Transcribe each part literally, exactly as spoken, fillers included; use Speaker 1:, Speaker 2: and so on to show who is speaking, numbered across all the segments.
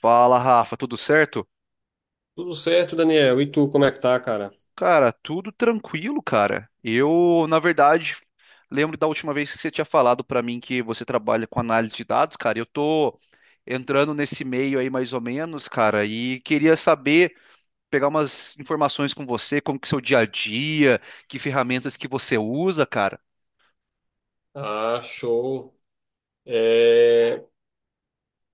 Speaker 1: Fala, Rafa, tudo certo?
Speaker 2: Tudo certo, Daniel? E tu, como é que tá, cara?
Speaker 1: Cara, tudo tranquilo, cara. Eu, na verdade, lembro da última vez que você tinha falado pra mim que você trabalha com análise de dados, cara. Eu tô entrando nesse meio aí mais ou menos, cara, e queria saber, pegar umas informações com você, como que é o seu dia a dia, que ferramentas que você usa, cara.
Speaker 2: Ah, show. É...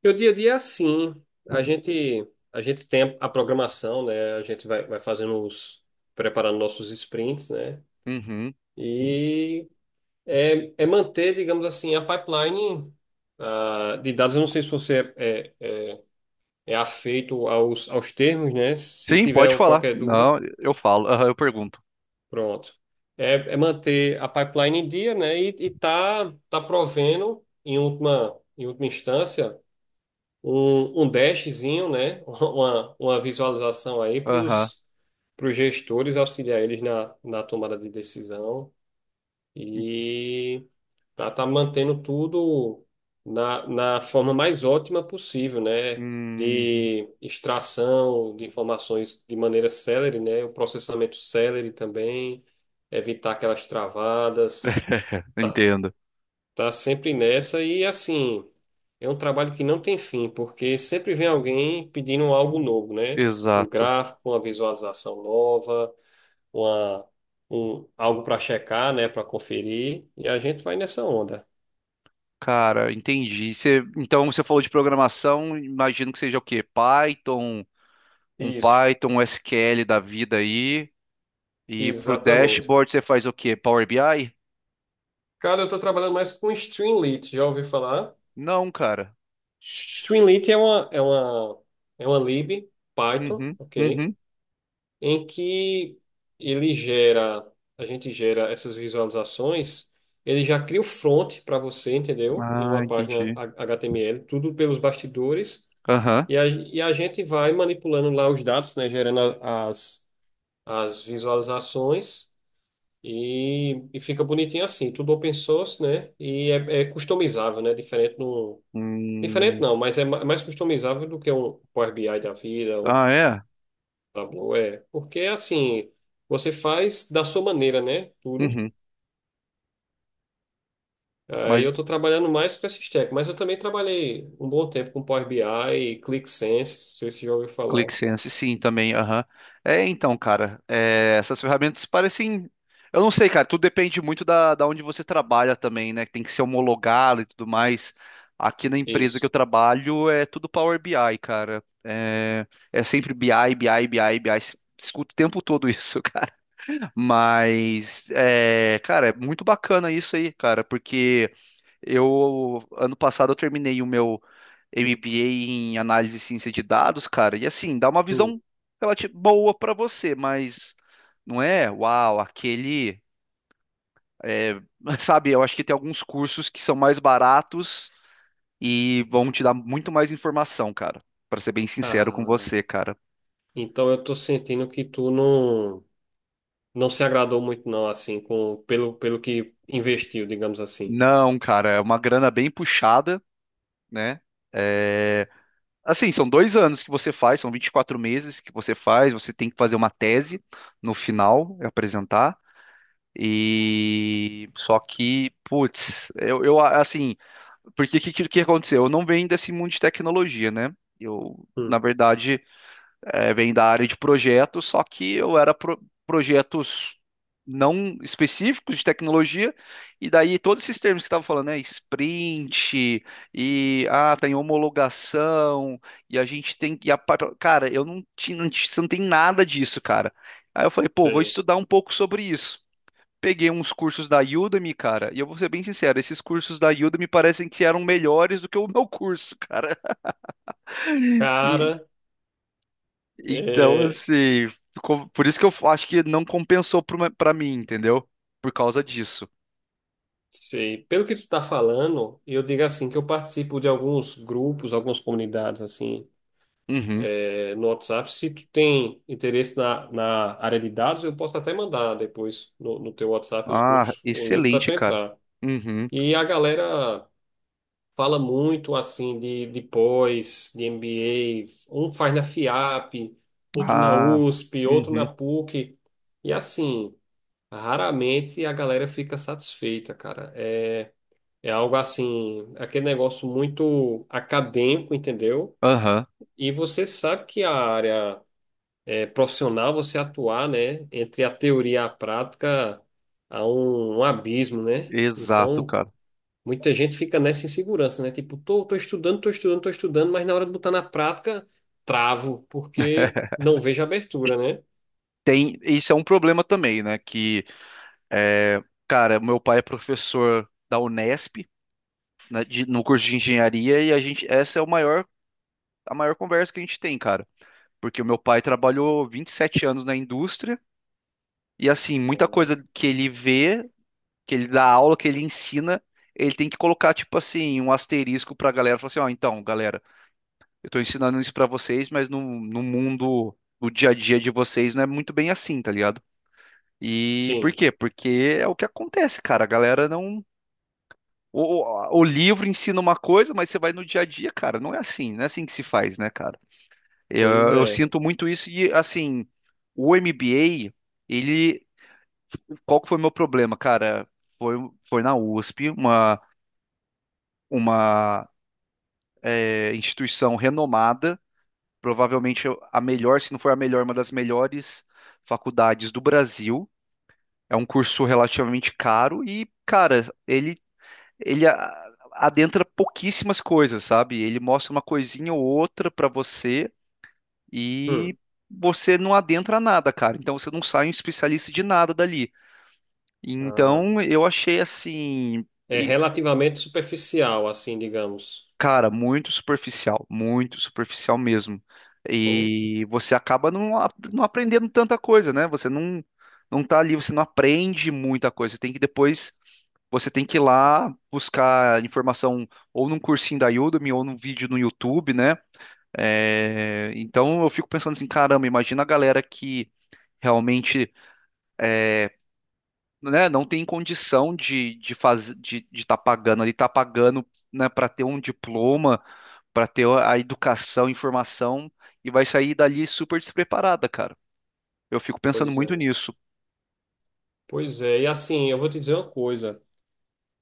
Speaker 2: Meu dia a dia é assim. A gente, a gente tem a programação, né? A gente vai, vai fazendo os... preparando nossos sprints, né?
Speaker 1: Uhum.
Speaker 2: E é, é manter, digamos assim, a pipeline ah, de dados. Eu não sei se você é, é, é, é afeito aos, aos termos, né? Se
Speaker 1: Sim, pode
Speaker 2: tiver
Speaker 1: falar.
Speaker 2: qualquer dúvida.
Speaker 1: Não, eu falo, aham, eu pergunto.
Speaker 2: Pronto. É, é manter a pipeline em dia, né? E, e tá, tá provendo, em última, em última instância, um, um dashzinho, né? Uma, uma visualização aí para
Speaker 1: Aham.
Speaker 2: os gestores auxiliar eles na, na tomada de decisão e para estar mantendo tudo na, na forma mais ótima possível, né?
Speaker 1: Uhum.
Speaker 2: De extração de informações de maneira célere, né? O processamento célere também, evitar aquelas travadas.
Speaker 1: Entendo.
Speaker 2: Tá sempre nessa e assim, é um trabalho que não tem fim, porque sempre vem alguém pedindo algo novo, né? Um
Speaker 1: Exato.
Speaker 2: gráfico, uma visualização nova uma, um, algo para checar, né, para conferir, e a gente vai nessa onda.
Speaker 1: Cara, entendi. Você- então você falou de programação, imagino que seja o quê? Python, um
Speaker 2: Isso,
Speaker 1: Python, um S Q L da vida aí. E pro
Speaker 2: exatamente.
Speaker 1: dashboard você faz o quê? Power B I?
Speaker 2: Cara, eu estou trabalhando mais com Streamlit, já ouvi falar?
Speaker 1: Não, cara. Shhh.
Speaker 2: Streamlit é uma, é uma, é uma lib Python,
Speaker 1: Uhum,
Speaker 2: ok?
Speaker 1: uhum.
Speaker 2: Em que ele gera, a gente gera essas visualizações, ele já cria o front para você, entendeu? Em
Speaker 1: Ah,
Speaker 2: uma página
Speaker 1: entendi.
Speaker 2: H- HTML, tudo pelos bastidores,
Speaker 1: Aham.
Speaker 2: e a, e a gente vai manipulando lá os dados, né, gerando a- as as visualizações e, e fica bonitinho assim, tudo open source, né? E é, é customizável, né? Diferente no, diferente
Speaker 1: Hum.
Speaker 2: não, mas é ma- é mais customizável do que um Power B I da vida, um
Speaker 1: Ah, é?
Speaker 2: Tableau, é, porque assim, você faz da sua maneira, né? Tudo.
Speaker 1: Uhum.
Speaker 2: Aí eu
Speaker 1: Mas
Speaker 2: tô trabalhando mais com esse stack, mas eu também trabalhei um bom tempo com Power B I e ClickSense, não sei se já ouviu falar.
Speaker 1: ClickSense, sim, também, aham. É, então, cara, é, essas ferramentas parecem. Eu não sei, cara, tudo depende muito da, da onde você trabalha também, né? Tem que ser homologado e tudo mais. Aqui na empresa que
Speaker 2: Isso.
Speaker 1: eu trabalho é tudo Power BI, cara. É, é sempre BI, BI, BI, BI. Escuto o tempo todo isso, cara. Mas, é, cara, é muito bacana isso aí, cara, porque eu, ano passado, eu terminei o meu M B A em análise e ciência de dados, cara, e assim, dá uma
Speaker 2: Hum.
Speaker 1: visão relativa boa pra você, mas não é, uau, aquele, é, sabe, eu acho que tem alguns cursos que são mais baratos e vão te dar muito mais informação, cara, pra ser bem sincero com
Speaker 2: Ah,
Speaker 1: você, cara.
Speaker 2: então eu tô sentindo que tu não. não se agradou muito não, assim, com pelo, pelo que investiu, digamos assim.
Speaker 1: Não, cara, é uma grana bem puxada, né? É, Assim, são dois anos que você faz, são vinte e quatro meses que você faz, você tem que fazer uma tese no final, é apresentar. E só que, putz, eu, eu, assim, porque o que, que que aconteceu? Eu não venho desse mundo de tecnologia, né? Eu, na
Speaker 2: Hum,
Speaker 1: verdade, é, vem da área de projetos, só que eu era pro- projetos não específicos de tecnologia, e daí todos esses termos que estava falando, né, sprint, e ah, tem homologação, e a gente tem que, a pa- cara, eu não tinha, não ti- não tem nada disso, cara. Aí eu falei, pô, vou
Speaker 2: sei.
Speaker 1: estudar um pouco sobre isso. Peguei uns cursos da Udemy, cara, e eu vou ser bem sincero, esses cursos da Udemy parecem que eram melhores do que o meu curso, cara.
Speaker 2: Cara,
Speaker 1: Então,
Speaker 2: é,
Speaker 1: assim, ficou- por isso que eu acho que não compensou pro me- pra mim, entendeu? Por causa disso.
Speaker 2: sei. Pelo que tu tá falando, eu digo assim que eu participo de alguns grupos, algumas comunidades assim,
Speaker 1: Uhum.
Speaker 2: é, no WhatsApp. Se tu tem interesse na, na área de dados, eu posso até mandar depois no, no teu WhatsApp os
Speaker 1: Ah,
Speaker 2: grupos, o link para
Speaker 1: excelente,
Speaker 2: tu
Speaker 1: cara.
Speaker 2: entrar.
Speaker 1: Uhum.
Speaker 2: E a galera fala muito assim de, de pós, de M B A, um faz na FIAP, outro na
Speaker 1: Ah,
Speaker 2: USP, outro na
Speaker 1: uhum.
Speaker 2: PUC, e assim, raramente a galera fica satisfeita, cara. É, é algo assim, aquele negócio muito acadêmico, entendeu?
Speaker 1: Aham.
Speaker 2: E você sabe que a área é, profissional, você atuar, né, entre a teoria e a prática, há um, um abismo, né?
Speaker 1: Exato,
Speaker 2: Então,
Speaker 1: cara.
Speaker 2: muita gente fica nessa insegurança, né? Tipo, tô, tô estudando, tô estudando, tô estudando, mas na hora de botar na prática, travo, porque não vejo abertura, né?
Speaker 1: Tem, isso é um problema também, né? Que, é, cara, meu pai é professor da Unesp, né, de- no curso de engenharia, e a gente, essa é o maior, a maior conversa que a gente tem, cara. Porque o meu pai trabalhou vinte e sete anos na indústria, e assim, muita coisa que ele vê, que ele dá aula, que ele ensina, ele tem que colocar, tipo assim, um asterisco pra galera, falar assim, ó, então, galera, eu tô ensinando isso pra vocês, mas no, no mundo do dia a dia de vocês não é muito bem assim, tá ligado? E por
Speaker 2: Sim,
Speaker 1: quê? Porque é o que acontece, cara, a galera não... O, o- o livro ensina uma coisa, mas você vai no dia a dia, cara, não é assim, não é assim que se faz, né, cara? Eu,
Speaker 2: pois
Speaker 1: eu
Speaker 2: é.
Speaker 1: sinto muito isso e, assim, o M B A, ele... Qual que foi o meu problema, cara? Foi, foi na U S P, uma uma é, instituição renomada, provavelmente a melhor, se não for a melhor, uma das melhores faculdades do Brasil. É um curso relativamente caro e, cara, ele, ele a- adentra pouquíssimas coisas, sabe? Ele mostra uma coisinha ou outra pra você
Speaker 2: Hum,
Speaker 1: e você não adentra nada, cara. Então você não sai um especialista de nada dali.
Speaker 2: ah,
Speaker 1: Então eu achei assim.
Speaker 2: é
Speaker 1: e
Speaker 2: relativamente superficial, assim, digamos.
Speaker 1: Cara, muito superficial, muito superficial mesmo.
Speaker 2: Pô,
Speaker 1: E você acaba não, a- não aprendendo tanta coisa, né? Você não, não tá ali, você não aprende muita coisa. Você tem que depois, você tem que ir lá buscar informação ou num cursinho da Udemy ou num vídeo no YouTube, né? É, então eu fico pensando assim, caramba, imagina a galera que realmente, né, não tem condição de de fazer de estar pagando ali, tá pagando, né, para ter um diploma para ter a educação, a informação e vai sair dali super despreparada, cara. Eu fico pensando
Speaker 2: pois
Speaker 1: muito
Speaker 2: é.
Speaker 1: nisso.
Speaker 2: Pois é. E assim, eu vou te dizer uma coisa.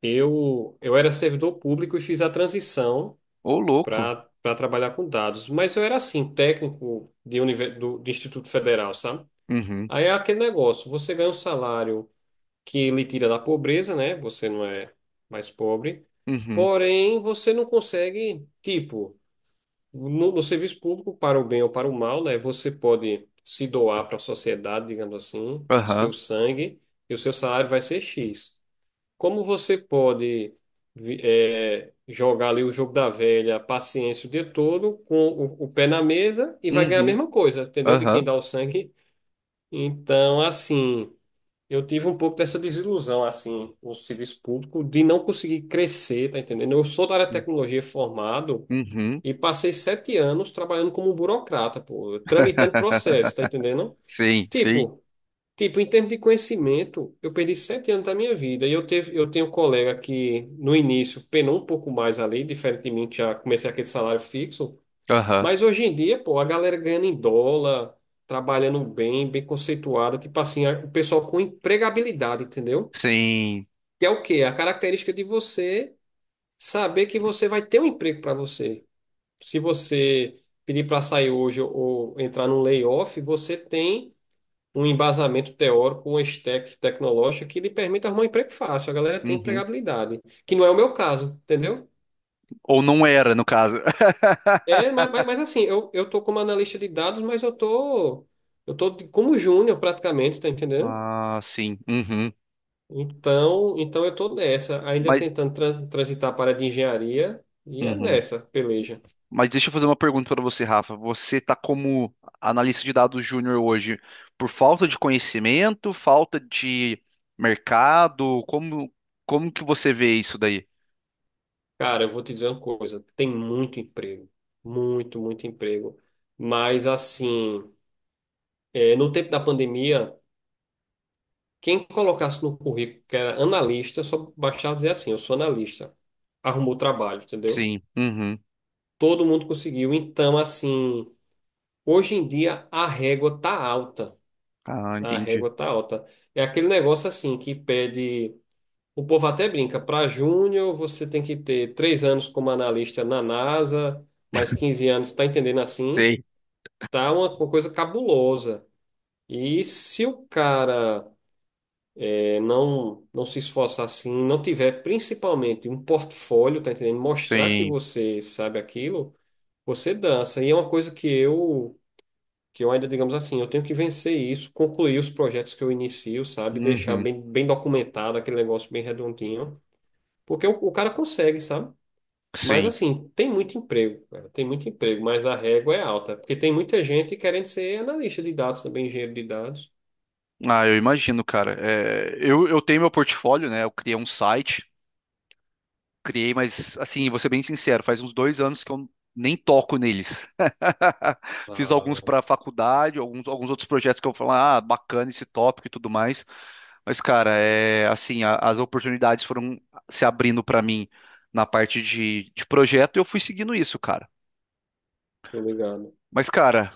Speaker 2: Eu, eu era servidor público e fiz a transição
Speaker 1: Ô, louco.
Speaker 2: para para trabalhar com dados, mas eu era assim, técnico de, univer- do, de Instituto Federal, sabe?
Speaker 1: Uhum,
Speaker 2: Aí é aquele negócio, você ganha um salário que lhe tira da pobreza, né? Você não é mais pobre.
Speaker 1: uhum,
Speaker 2: Porém, você não consegue, tipo, no, no serviço público, para o bem ou para o mal, né? Você pode se doar para a sociedade, digamos assim,
Speaker 1: aham,
Speaker 2: seu sangue, e o seu salário vai ser X. Como você pode vi- eh, jogar ali o jogo da velha, paciência o dia todo, com o, o pé na mesa, e vai ganhar a
Speaker 1: uhum,
Speaker 2: mesma coisa, entendeu? De quem
Speaker 1: aham,
Speaker 2: dá o sangue. Então, assim. Eu tive um pouco dessa desilusão, assim, no serviço público, de não conseguir crescer, tá entendendo? Eu sou da área de tecnologia formado
Speaker 1: uhum.
Speaker 2: e passei sete anos trabalhando como burocrata, pô, tramitando processo, tá entendendo?
Speaker 1: Sim, sim,
Speaker 2: Tipo, tipo, em termos de conhecimento, eu perdi sete anos da minha vida e eu teve, eu tenho um colega que no início penou um pouco mais ali, diferente de mim, que já comecei aquele salário fixo.
Speaker 1: aham,
Speaker 2: Mas hoje em dia, pô, a galera ganhando em dólar, trabalhando bem, bem conceituada, tipo assim, a- o pessoal com empregabilidade, entendeu?
Speaker 1: sim,
Speaker 2: Que é o quê? A característica de você saber que você vai ter um emprego para você. Se você pedir para sair hoje ou entrar num layoff, você tem um embasamento teórico, um stack tecnológico que lhe permite arrumar um emprego fácil. A galera tem
Speaker 1: uhum.
Speaker 2: empregabilidade, que não é o meu caso, entendeu?
Speaker 1: Ou não era, no caso.
Speaker 2: É, mas, mas, mas assim, eu, eu tô como analista de dados, mas eu tô, eu tô de- como júnior praticamente, tá entendendo?
Speaker 1: Ah, sim, uhum.
Speaker 2: Então, então eu tô nessa, ainda
Speaker 1: Mas,
Speaker 2: tentando trans- transitar para a área de engenharia, e é
Speaker 1: uhum.
Speaker 2: nessa, peleja.
Speaker 1: Mas deixa eu fazer uma pergunta para você, Rafa. Você está como analista de dados júnior hoje por falta de conhecimento, falta de mercado? Como, como que você vê isso daí?
Speaker 2: Cara, eu vou te dizer uma coisa, tem muito emprego, muito, muito emprego. Mas assim, é, no tempo da pandemia, quem colocasse no currículo que era analista, só bastava dizer assim, eu sou analista, arrumou trabalho, entendeu?
Speaker 1: Sim. Uhum.
Speaker 2: Todo mundo conseguiu, então assim... Hoje em dia a régua tá alta.
Speaker 1: Ah,
Speaker 2: A
Speaker 1: entendi.
Speaker 2: régua tá alta. É aquele negócio assim que pede. O povo até brinca, para júnior você tem que ter três anos como analista na NASA, mais quinze anos, tá entendendo assim?
Speaker 1: Sei.
Speaker 2: Tá uma, uma coisa cabulosa. E se o cara é, não, não se esforçar assim, não tiver principalmente um portfólio, tá entendendo? Mostrar que
Speaker 1: Sim.
Speaker 2: você sabe aquilo, você dança. E é uma coisa que eu que eu ainda, digamos assim, eu tenho que vencer isso, concluir os projetos que eu inicio, sabe? Deixar
Speaker 1: Uhum.
Speaker 2: bem, bem documentado aquele negócio bem redondinho, porque o, o cara consegue, sabe? Mas
Speaker 1: Sim.
Speaker 2: assim, tem muito emprego, cara, tem muito emprego, mas a régua é alta, porque tem muita gente querendo ser analista de dados também, engenheiro de dados.
Speaker 1: Ah, eu imagino, cara. É, eu, eu tenho meu portfólio, né? Eu criei um site criei, mas assim, vou ser bem sincero, faz uns dois anos que eu nem toco neles. Fiz alguns
Speaker 2: Ah,
Speaker 1: para faculdade, alguns, alguns outros projetos que eu falo, ah, bacana esse tópico e tudo mais. Mas, cara, é assim, a- as oportunidades foram se abrindo para mim na parte de, de projeto e eu fui seguindo isso, cara.
Speaker 2: tô ligado.
Speaker 1: Mas, cara,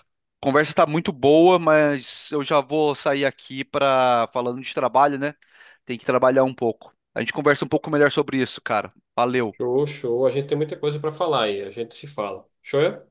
Speaker 1: a conversa tá muito boa, mas eu já vou sair aqui para falando de trabalho, né? Tem que trabalhar um pouco. A gente conversa um pouco melhor sobre isso, cara. Valeu.
Speaker 2: Show, show. A gente tem muita coisa para falar aí, a gente se fala. Show? É?